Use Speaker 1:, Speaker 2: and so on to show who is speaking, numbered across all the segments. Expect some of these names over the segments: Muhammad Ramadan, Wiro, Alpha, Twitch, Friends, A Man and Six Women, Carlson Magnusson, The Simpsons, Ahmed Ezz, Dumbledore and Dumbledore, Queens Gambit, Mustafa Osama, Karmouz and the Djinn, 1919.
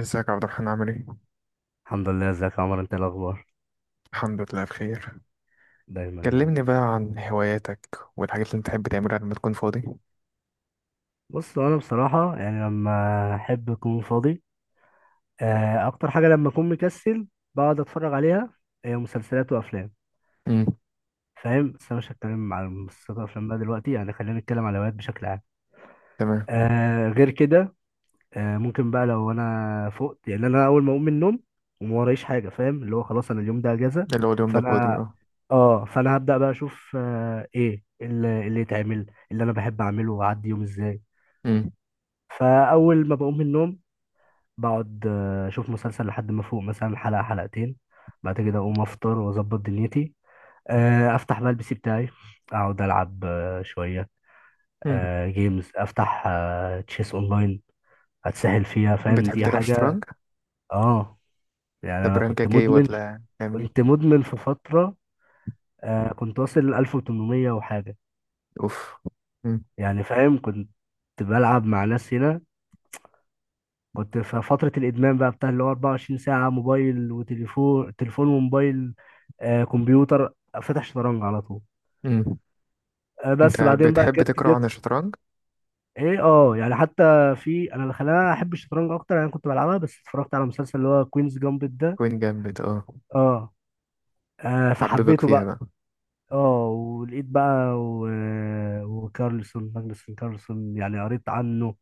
Speaker 1: ازيك يا عبد الرحمن عامل ايه؟
Speaker 2: الحمد لله، ازيك يا عمر؟ انت إيه الاخبار؟
Speaker 1: الحمد لله بخير.
Speaker 2: دايما يا رب.
Speaker 1: كلمني بقى عن هواياتك والحاجات اللي انت بتحب تعملها لما تكون فاضي.
Speaker 2: بص انا بصراحه يعني لما احب اكون فاضي، اكتر حاجه لما اكون مكسل بقعد اتفرج عليها، هي مسلسلات وافلام.
Speaker 1: امم.
Speaker 2: فاهم، بس انا مش هتكلم على مسلسلات وافلام بقى دلوقتي، يعني خلينا نتكلم على هوايات بشكل عام.
Speaker 1: تمام.
Speaker 2: غير كده، ممكن بقى لو انا فقت، يعني انا اول ما اقوم من النوم وما ورايش حاجه، فاهم؟ اللي هو خلاص انا اليوم ده اجازه.
Speaker 1: ايه اللي هو اليوم ده فاضي
Speaker 2: فانا
Speaker 1: اه.
Speaker 2: اه فانا هبدا بقى اشوف ايه اللي يتعمل، اللي انا بحب اعمله واعدي يوم ازاي.
Speaker 1: امم.
Speaker 2: فاول ما بقوم من النوم بقعد اشوف مسلسل لحد ما فوق، مثلا حلقه حلقتين. بعد كده اقوم افطر واظبط دنيتي، افتح بقى البي سي بتاعي، اقعد العب شويه.
Speaker 1: امم.
Speaker 2: جيمز، افتح تشيس اونلاين، اتسهل فيها. فاهم،
Speaker 1: بتحب
Speaker 2: دي
Speaker 1: تلعب
Speaker 2: حاجه.
Speaker 1: شطرنج؟
Speaker 2: اه يعني
Speaker 1: طب
Speaker 2: انا كنت
Speaker 1: رانكك ايه
Speaker 2: مدمن،
Speaker 1: ولا تعمل
Speaker 2: كنت
Speaker 1: ايه؟
Speaker 2: مدمن في فتره، كنت واصل 1800 وحاجه.
Speaker 1: اوف. امم.
Speaker 2: يعني فاهم، كنت بلعب مع ناس هنا. كنت في فترة الإدمان بقى بتاع اللي هو 24 ساعة موبايل، وتليفون تليفون وموبايل، آه كمبيوتر، فاتح شطرنج على طول.
Speaker 1: امم.
Speaker 2: آه
Speaker 1: انت
Speaker 2: بس بعدين بقى
Speaker 1: بتحب
Speaker 2: جت
Speaker 1: تقرا عن
Speaker 2: جت
Speaker 1: الشطرنج؟
Speaker 2: ايه؟ اه يعني حتى، في انا اللي خلاني احب الشطرنج اكتر، انا كنت بلعبها بس اتفرجت على مسلسل اللي هو كوينز جامبت ده.
Speaker 1: كوين جامد اه.
Speaker 2: اه، آه
Speaker 1: حببك
Speaker 2: فحبيته
Speaker 1: فيها
Speaker 2: بقى.
Speaker 1: بقى.
Speaker 2: اه ولقيت بقى و... وكارلسون، ماجنسون كارلسون، يعني قريت عنه.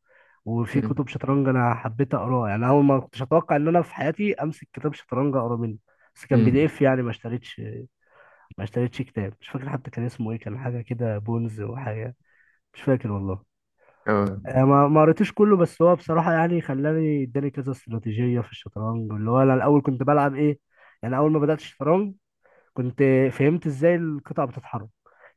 Speaker 2: وفي
Speaker 1: امم.
Speaker 2: كتب شطرنج انا حبيت اقراه، يعني اول ما كنتش اتوقع ان انا في حياتي امسك كتاب شطرنج اقرا منه. بس كان بي
Speaker 1: امم.
Speaker 2: دي اف يعني ما اشتريتش، ما اشتريتش كتاب. مش فاكر حتى كان اسمه ايه، كان حاجه كده بونز وحاجه. مش فاكر والله.
Speaker 1: اه.
Speaker 2: ما قريتوش كله، بس هو بصراحه يعني خلاني اداني كذا استراتيجيه في الشطرنج. اللي هو انا الاول كنت بلعب ايه؟ يعني اول ما بدات الشطرنج كنت، فهمت ازاي القطع بتتحرك،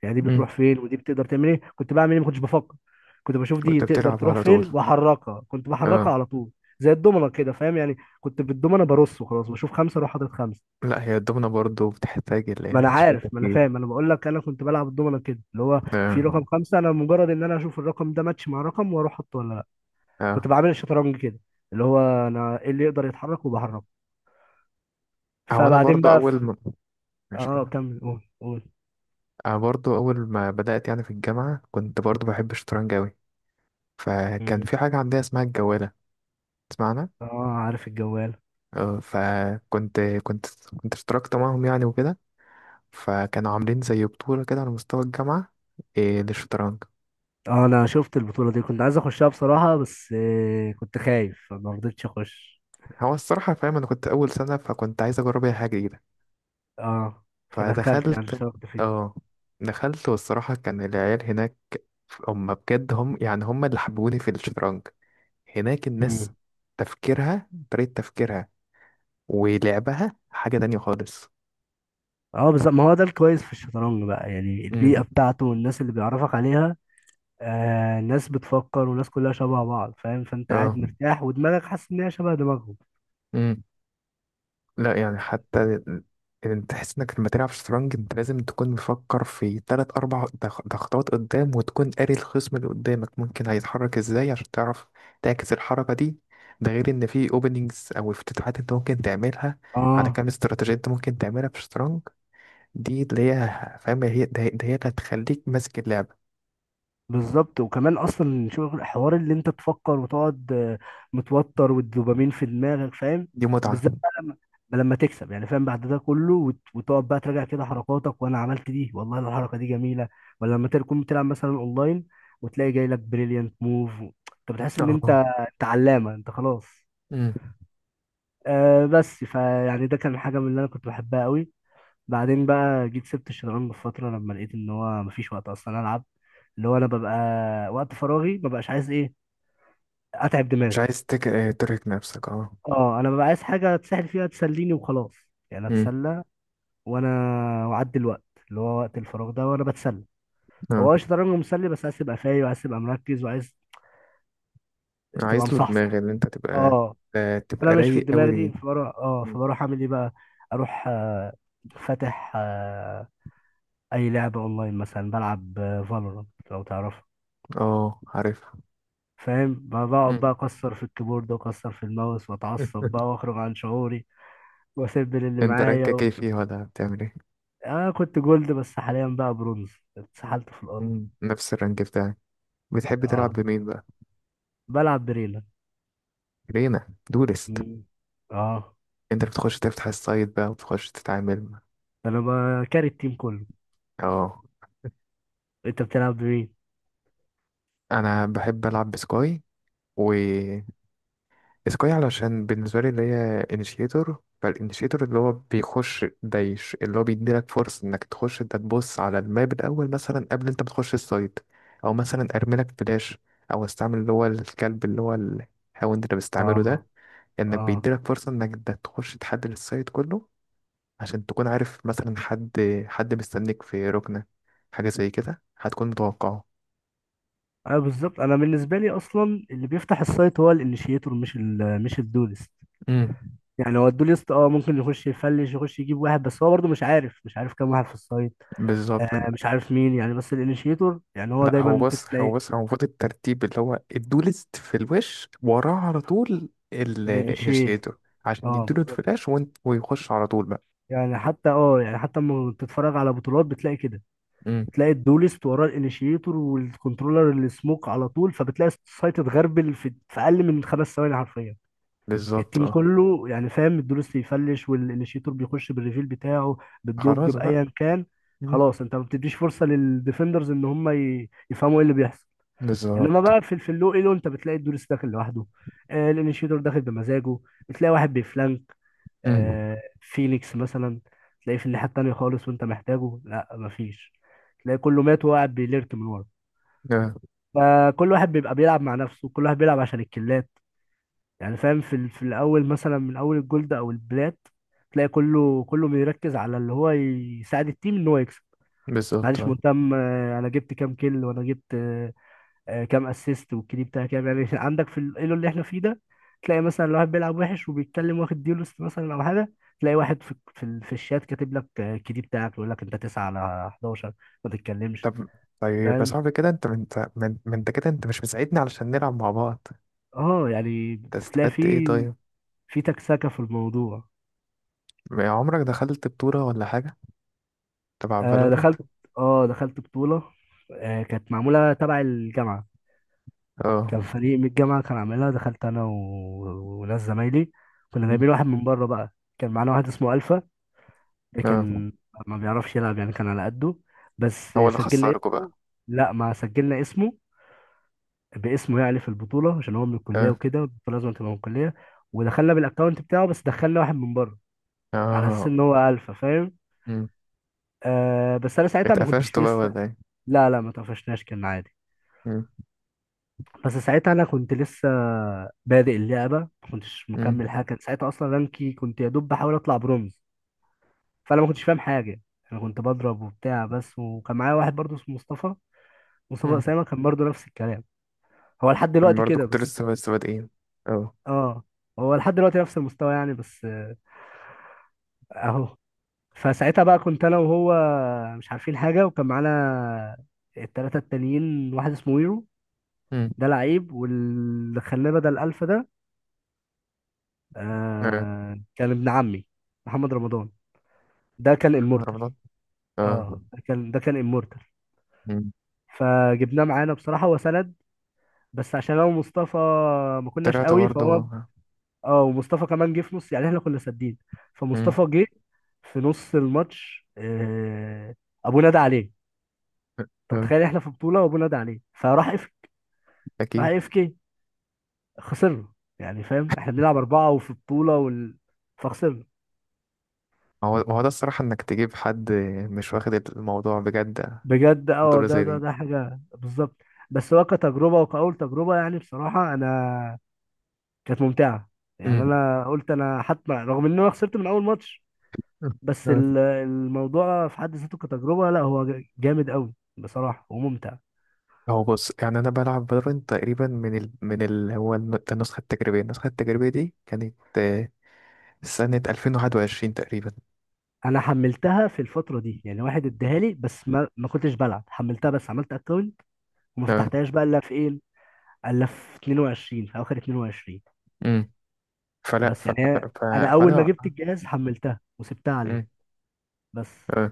Speaker 2: يعني دي
Speaker 1: امم.
Speaker 2: بتروح فين ودي بتقدر تعمل ايه. كنت بعمل ايه؟ ما كنتش بفكر، كنت بشوف دي
Speaker 1: كنت
Speaker 2: تقدر
Speaker 1: بتلعب
Speaker 2: تروح
Speaker 1: على
Speaker 2: فين
Speaker 1: طول.
Speaker 2: واحركها، كنت بحركها
Speaker 1: اه.
Speaker 2: على طول. زي الدومنه كده فاهم، يعني كنت بالدومنه برص وخلاص، بشوف خمسه اروح حاطط خمسه.
Speaker 1: لا هي الدومنة برضه بتحتاج اللي
Speaker 2: ما
Speaker 1: هي
Speaker 2: انا
Speaker 1: شوية
Speaker 2: عارف، ما انا
Speaker 1: تفكير.
Speaker 2: فاهم، انا بقول لك انا كنت بلعب الدومنه كده، اللي هو
Speaker 1: اه.
Speaker 2: في رقم خمسه انا مجرد ان انا اشوف الرقم ده ماتش مع رقم واروح احطه، ولا لا.
Speaker 1: اه.
Speaker 2: كنت بعمل الشطرنج كده، اللي هو انا ايه اللي يقدر يتحرك وبحركه.
Speaker 1: هو انا
Speaker 2: فبعدين
Speaker 1: برضه
Speaker 2: بقى
Speaker 1: اول
Speaker 2: في...
Speaker 1: ما ماشي
Speaker 2: اه
Speaker 1: كمل.
Speaker 2: كمل، قول قول.
Speaker 1: أنا برضو أول ما بدأت يعني في الجامعة كنت برضو بحب الشطرنج أوي. فكان
Speaker 2: مم.
Speaker 1: في حاجة عندنا اسمها الجوالة تسمعنا.
Speaker 2: اه عارف الجوال.
Speaker 1: فكنت كنت اشتركت معاهم يعني وكده. فكانوا عاملين زي بطولة كده على مستوى الجامعة، للشطرنج.
Speaker 2: اه انا شفت البطولة دي، كنت عايز اخشها بصراحة، بس كنت خايف فما رضيتش اخش.
Speaker 1: هو الصراحة فاهم أنا كنت أول سنة فكنت عايز أجرب أي حاجة جديدة.
Speaker 2: اه فدخلت، يعني
Speaker 1: فدخلت.
Speaker 2: اشتركت فيه.
Speaker 1: اه. دخلت، والصراحة كان العيال هناك هم بجد، هم يعني هم اللي حببوني في الشطرنج. هناك الناس
Speaker 2: مم.
Speaker 1: تفكيرها، طريقة تفكيرها ولعبها حاجة تانية خالص.
Speaker 2: اه بالظبط، ما هو ده الكويس في الشطرنج بقى، يعني
Speaker 1: امم.
Speaker 2: البيئة بتاعته والناس اللي بيعرفك عليها، آه ناس بتفكر، والناس كلها شبه بعض فاهم، فانت قاعد
Speaker 1: اه.
Speaker 2: مرتاح ودماغك حاسس ان هي شبه دماغهم.
Speaker 1: امم. لا يعني حتى انت تحس انك لما تلعب شطرنج انت لازم تكون مفكر في تلات اربع تخطوات قدام، وتكون قاري الخصم اللي قدامك ممكن هيتحرك ازاي عشان تعرف تعكس الحركة دي. ده غير ان في اوبننجز او افتتاحات انت ممكن تعملها، على
Speaker 2: اه
Speaker 1: كام استراتيجية انت ممكن تعملها في الشطرنج. دي اللي هي فاهم، هي اللي هتخليك ماسك اللعبة.
Speaker 2: بالظبط، وكمان اصلا شغل حوار اللي انت تفكر وتقعد متوتر والدوبامين في دماغك فاهم.
Speaker 1: دي متعة.
Speaker 2: وبالذات بقى لما تكسب، يعني فاهم بعد ده كله، وتقعد بقى تراجع كده حركاتك، وانا عملت دي والله الحركه دي جميله. ولا لما تكون بتلعب مثلا اونلاين وتلاقي جاي لك بريليانت موف، انت بتحس ان انت،
Speaker 1: اه.
Speaker 2: انت علامه، انت خلاص.
Speaker 1: امم.
Speaker 2: آه بس فيعني ده كان حاجه من اللي انا كنت بحبها قوي. بعدين بقى جيت سبت الشطرنج في فترة، لما لقيت ان هو مفيش وقت اصلا العب. اللي هو انا ببقى وقت فراغي مبقاش عايز ايه، اتعب
Speaker 1: مش
Speaker 2: دماغي.
Speaker 1: عايز تك... آه، ترهق نفسك اه.
Speaker 2: اه انا ببقى عايز حاجة اتسحل فيها تسليني وخلاص، يعني
Speaker 1: امم.
Speaker 2: اتسلى وانا، واعدي الوقت اللي هو وقت الفراغ ده وانا بتسلى.
Speaker 1: اه.
Speaker 2: هو الشطرنج مسلي بس عايز تبقى فايق، وعايز تبقى مركز، وعايز تبقى
Speaker 1: عايز له
Speaker 2: مصحصح.
Speaker 1: دماغ اللي انت تبقى.
Speaker 2: اه انا
Speaker 1: تبقى
Speaker 2: مش في
Speaker 1: رايق قوي
Speaker 2: الدماغ
Speaker 1: ليه.
Speaker 2: دي، فبروح اه
Speaker 1: مم.
Speaker 2: فبروح اعمل ايه بقى؟ اروح فاتح اي لعبة اونلاين، مثلا بلعب فالورانت لو تعرف.
Speaker 1: اه عارفها.
Speaker 2: فاهم، بقعد
Speaker 1: مم.
Speaker 2: بقى اكسر في الكيبورد واكسر في الماوس، واتعصب بقى واخرج عن شعوري، واسيب اللي
Speaker 1: انت
Speaker 2: معايا
Speaker 1: رانكك
Speaker 2: و...
Speaker 1: ايه فيه ولا بتعمل ايه؟
Speaker 2: اه كنت جولد، بس حاليا بقى برونز، اتسحلت في الارض.
Speaker 1: مم. نفس الرانك بتاعي. بتحب تلعب
Speaker 2: اه
Speaker 1: بمين بقى؟
Speaker 2: بلعب بريلا.
Speaker 1: رينا دولست.
Speaker 2: مم. اه
Speaker 1: انت بتخش تفتح السايت بقى وتخش تتعامل.
Speaker 2: انا بكاري التيم كله.
Speaker 1: اه
Speaker 2: انت بتلعب بمين؟
Speaker 1: انا بحب العب بسكاي و سكاي، علشان بالنسبة لي اللي هي انيشيتور. فالانيشيتور اللي هو بيخش ده اللي هو بيديلك فرصة انك تخش، انت تبص على الماب الأول مثلا قبل انت بتخش السايت، أو مثلا أرميلك فلاش، أو استعمل اللي هو الكلب اللي هو الهاوند اللي بستعمله
Speaker 2: اه.
Speaker 1: ده. انك
Speaker 2: اه.
Speaker 1: بيديلك فرصة انك ده تخش تحدد السايت كله، عشان تكون عارف مثلا حد، حد مستنيك في ركنة، حاجة زي كده هتكون متوقعه.
Speaker 2: اه بالظبط، انا بالنسبه لي اصلا اللي بيفتح السايت هو الانيشيتور، مش ال، مش الدولست.
Speaker 1: امم.
Speaker 2: يعني هو الدوليست اه ممكن يخش يفلش، يخش يجيب واحد، بس هو برضه مش عارف كام واحد في السايت،
Speaker 1: بالظبط.
Speaker 2: آه مش عارف مين، يعني بس الانيشيتور يعني هو
Speaker 1: لا
Speaker 2: دايما
Speaker 1: هو
Speaker 2: ممكن
Speaker 1: بص، هو
Speaker 2: تلاقي.
Speaker 1: بص هو المفروض الترتيب اللي هو الدولست في الوش، وراه على طول
Speaker 2: الانيشيت
Speaker 1: الانيشيتور عشان
Speaker 2: اه
Speaker 1: يديله
Speaker 2: بالظبط.
Speaker 1: الفلاش، وانت ويخش على طول بقى.
Speaker 2: يعني حتى، اه يعني حتى لما بتتفرج على بطولات بتلاقي كده،
Speaker 1: امم.
Speaker 2: تلاقي الدولست وراه الانيشيتور والكنترولر اللي سموك على طول، فبتلاقي السايت اتغربل في اقل من خمس ثواني حرفيا،
Speaker 1: بالظبط
Speaker 2: التيم
Speaker 1: اه.
Speaker 2: كله يعني فاهم، الدولست يفلش والانيشيتور بيخش بالريفيل بتاعه، بالدوج
Speaker 1: خلاص بقى.
Speaker 2: بايا كان،
Speaker 1: مم.
Speaker 2: خلاص. انت ما بتديش فرصه للديفندرز ان هم يفهموا ايه اللي بيحصل. انما
Speaker 1: بالظبط.
Speaker 2: بقى في اللو ايلو، انت بتلاقي الدوريس داخل لوحده، آه الانيشيتور داخل بمزاجه، بتلاقي واحد بيفلانك،
Speaker 1: امم.
Speaker 2: آه فينيكس مثلا تلاقيه في الناحيه التانيه خالص وانت محتاجه، لا مفيش، تلاقي كله مات وهو قاعد بيليرت من ورا.
Speaker 1: آه،
Speaker 2: فكل واحد بيبقى بيلعب مع نفسه، كل واحد بيلعب عشان الكلات، يعني فاهم. في الاول مثلا من اول الجولد او البلات، تلاقي كله بيركز على اللي هو يساعد التيم ان هو يكسب.
Speaker 1: بالظبط
Speaker 2: محدش
Speaker 1: آه.
Speaker 2: مهتم انا جبت كام كيل، وانا جبت كام اسيست، والكيدي بتاعه كام، يعني عندك في الايلو اللي احنا فيه ده، تلاقي مثلا لو واحد بيلعب وحش وبيتكلم، واخد ديولست مثلا او حاجه، تلاقي واحد في في الشات كاتب لك الكيدي بتاعك يقول لك انت 9 على 11، ما تتكلمش،
Speaker 1: طب طيب يا
Speaker 2: فاهم؟
Speaker 1: صاحبي كده، انت ما انت كده انت مش مساعدني علشان نلعب مع بعض.
Speaker 2: اه يعني
Speaker 1: انت
Speaker 2: بتلاقي في،
Speaker 1: استفدت ايه طيب؟
Speaker 2: في تكسكه في الموضوع.
Speaker 1: ما عمرك دخلت بطولة ولا حاجة تبع
Speaker 2: آه
Speaker 1: فالورنت؟
Speaker 2: دخلت، اه دخلت بطوله، آه كانت معموله تبع الجامعه.
Speaker 1: اه.
Speaker 2: كان فريق من الجامعه كان عاملها، دخلت انا و... وناس زمايلي، كنا
Speaker 1: مم.
Speaker 2: جايبين واحد من بره بقى، كان معانا واحد اسمه الفا. ده
Speaker 1: اه.
Speaker 2: كان ما بيعرفش يلعب، يعني كان على قده، بس
Speaker 1: هو اللي
Speaker 2: سجلنا
Speaker 1: خسركوا بقى.
Speaker 2: اسمه. لا، ما سجلنا اسمه، باسمه يعني في البطولة، عشان هو من الكلية
Speaker 1: اه.
Speaker 2: وكده، البطولة لازم تبقى من الكلية. ودخلنا بالاكونت بتاعه، بس دخلنا واحد من بره على اساس
Speaker 1: اه.
Speaker 2: ان هو الفا، فاهم؟
Speaker 1: مم.
Speaker 2: آه بس انا ساعتها ما كنتش
Speaker 1: اتقفشتوا بقى
Speaker 2: لسه.
Speaker 1: ولا ايه؟
Speaker 2: لا لا، ما طفشناش، كان عادي.
Speaker 1: مم.
Speaker 2: بس ساعتها انا كنت لسه بادئ اللعبة، ما كنتش
Speaker 1: مم.
Speaker 2: مكمل حاجة، كان ساعتها اصلا رانكي كنت يا دوب بحاول اطلع برونز. فانا ما كنتش فاهم حاجة، انا كنت بضرب وبتاع بس. وكان معايا واحد برضه اسمه مصطفى، مصطفى
Speaker 1: مم.
Speaker 2: أسامة، كان برضه نفس الكلام. هو لحد
Speaker 1: انا
Speaker 2: دلوقتي
Speaker 1: برضو
Speaker 2: كده
Speaker 1: كنت
Speaker 2: بس.
Speaker 1: لسه لسه بادئين. اه.
Speaker 2: اه هو لحد دلوقتي نفس المستوى، يعني بس اهو. فساعتها بقى كنت انا وهو مش عارفين حاجة، وكان معانا التلاتة التانيين واحد اسمه ويرو،
Speaker 1: مم.
Speaker 2: ده لعيب، واللي خلاه بدل الألفا ده
Speaker 1: اه.
Speaker 2: آه كان ابن عمي محمد رمضان، ده كان امورتال.
Speaker 1: رمضان. اه.
Speaker 2: اه ده كان، ده كان امورتال،
Speaker 1: مم.
Speaker 2: فجبناه معانا بصراحة، هو سند. بس عشان انا ومصطفى ما كناش
Speaker 1: طلعت
Speaker 2: قوي، فهو،
Speaker 1: برضو.
Speaker 2: اه ومصطفى كمان جه في نص، يعني احنا كنا سادين،
Speaker 1: مم.
Speaker 2: فمصطفى جه في نص الماتش، ابو نادى عليه. انت
Speaker 1: اه.
Speaker 2: متخيل؟ احنا في بطوله وابو نادى عليه، فراح اف، راح
Speaker 1: اكيد.
Speaker 2: اف كي، خسرنا. يعني فاهم احنا بنلعب اربعه وفي بطوله وال... فخسرنا.
Speaker 1: ما هو ده الصراحة انك تجيب حد مش واخد الموضوع بجد،
Speaker 2: بجد، اه
Speaker 1: بطولة
Speaker 2: ده
Speaker 1: زي
Speaker 2: ده
Speaker 1: دي.
Speaker 2: ده حاجه بالظبط. بس هو كتجربه، وكأول تجربه يعني بصراحه انا كانت ممتعه. يعني
Speaker 1: مم.
Speaker 2: انا قلت انا حتى رغم ان انا خسرت من اول ماتش، بس
Speaker 1: اه.
Speaker 2: الموضوع في حد ذاته كتجربة، لا هو جامد قوي بصراحة وممتع.
Speaker 1: هو بص يعني انا بلعب فالورنت تقريبا من النسخة التجريبية، النسخة التجريبية دي كانت سنة 2021 تقريبا.
Speaker 2: انا حملتها في الفترة دي، يعني واحد اداها لي، بس ما كنتش بلعب، حملتها بس عملت اكونت، وما
Speaker 1: اه.
Speaker 2: فتحتهاش بقى الا في ايه، الا في 22، في اخر 22.
Speaker 1: مم. فلا
Speaker 2: بس
Speaker 1: ف... ف...
Speaker 2: يعني
Speaker 1: ف...
Speaker 2: انا اول ما
Speaker 1: فانا.
Speaker 2: جبت الجهاز حملتها وسبتها عليه.
Speaker 1: مم.
Speaker 2: بس.
Speaker 1: آه.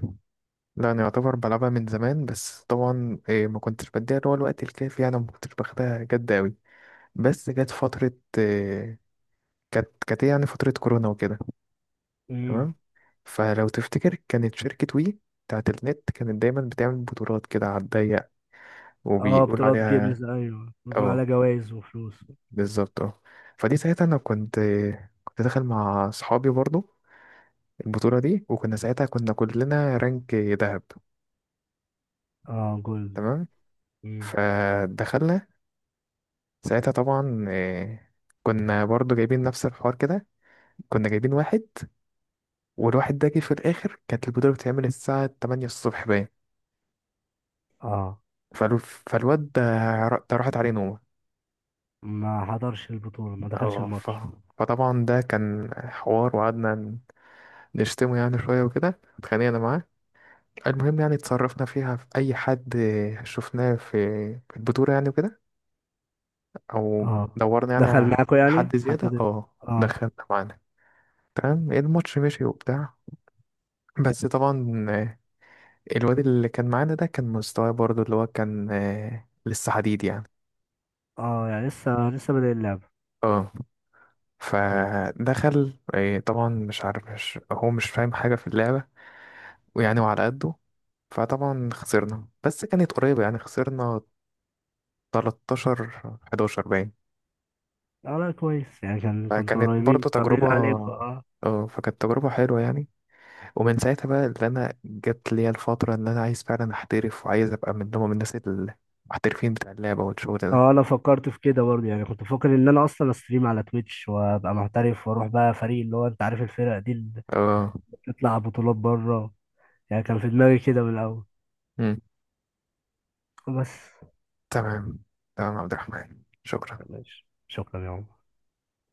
Speaker 1: لا انا يعتبر بلعبها من زمان، بس طبعا إيه ما كنتش بديها اللي هو الوقت الكافي، يعني ما كنتش باخدها جد قوي. بس جت فترة إيه، كانت إيه يعني فترة كورونا وكده.
Speaker 2: امم.
Speaker 1: تمام. فلو تفتكر كانت شركة وي بتاعت النت كانت دايما بتعمل بطولات كده على الضيق،
Speaker 2: اه
Speaker 1: وبيقول
Speaker 2: بطولات
Speaker 1: عليها.
Speaker 2: جيمز ايوه، بيكون عليها
Speaker 1: اه.
Speaker 2: جوائز وفلوس.
Speaker 1: بالظبط اه. فدي ساعتها انا كنت، كنت داخل مع صحابي برضو البطولة دي، وكنا ساعتها كنا كلنا رانك ذهب.
Speaker 2: اه جولد.
Speaker 1: تمام.
Speaker 2: امم.
Speaker 1: فدخلنا ساعتها طبعا، كنا برضو جايبين نفس الحوار كده، كنا جايبين واحد، والواحد ده جه في الآخر. كانت البطولة بتتعمل الساعة 8 الصبح باين.
Speaker 2: اه.
Speaker 1: فالو- فالواد ده، ده راحت عليه نومة.
Speaker 2: ما حضرش البطولة، ما دخلش
Speaker 1: اه ف...
Speaker 2: الماتش.
Speaker 1: فطبعا ده كان حوار، وقعدنا نشتمه يعني شوية وكده اتخانقنا معاه. المهم يعني اتصرفنا فيها، في أي حد شفناه في البطولة يعني وكده، أو
Speaker 2: اه
Speaker 1: دورنا يعني
Speaker 2: دخل
Speaker 1: على
Speaker 2: معاكوا
Speaker 1: أي
Speaker 2: يعني
Speaker 1: حد
Speaker 2: حد
Speaker 1: زيادة اه
Speaker 2: اه.
Speaker 1: دخلنا معانا. تمام الماتش مشي وبتاع. بس طبعا الواد اللي كان معانا ده كان مستواه برضو اللي هو كان لسه حديد يعني.
Speaker 2: اه يعني لسه، لسه بادئ اللعبة.
Speaker 1: اه.
Speaker 2: مم.
Speaker 1: فدخل، طبعا مش عارف، مش فاهم حاجة في اللعبة، ويعني وعلى قده. فطبعا خسرنا، بس كانت قريبة يعني، خسرنا 13-11 باين.
Speaker 2: اه لا كويس يعني، كان كنتوا
Speaker 1: فكانت
Speaker 2: قريبين،
Speaker 1: برضو
Speaker 2: طب ليه
Speaker 1: تجربة،
Speaker 2: عليكم. اه.
Speaker 1: اه فكانت تجربة حلوة يعني. ومن ساعتها بقى اللي أنا جت ليا الفترة إن أنا عايز فعلا أحترف، وعايز أبقى من ضمن الناس المحترفين بتاع اللعبة والشغل ده.
Speaker 2: اه انا فكرت في كده برضه، يعني كنت بفكر ان انا اصلا استريم على تويتش، وابقى محترف، واروح بقى فريق اللي هو انت عارف الفرق دي اللي
Speaker 1: اه
Speaker 2: بتطلع بطولات بره. يعني كان في دماغي كده من الاول، بس.
Speaker 1: تمام. تمام يا عبد الرحمن شكرا.
Speaker 2: ماشي، شكرا يا عمر.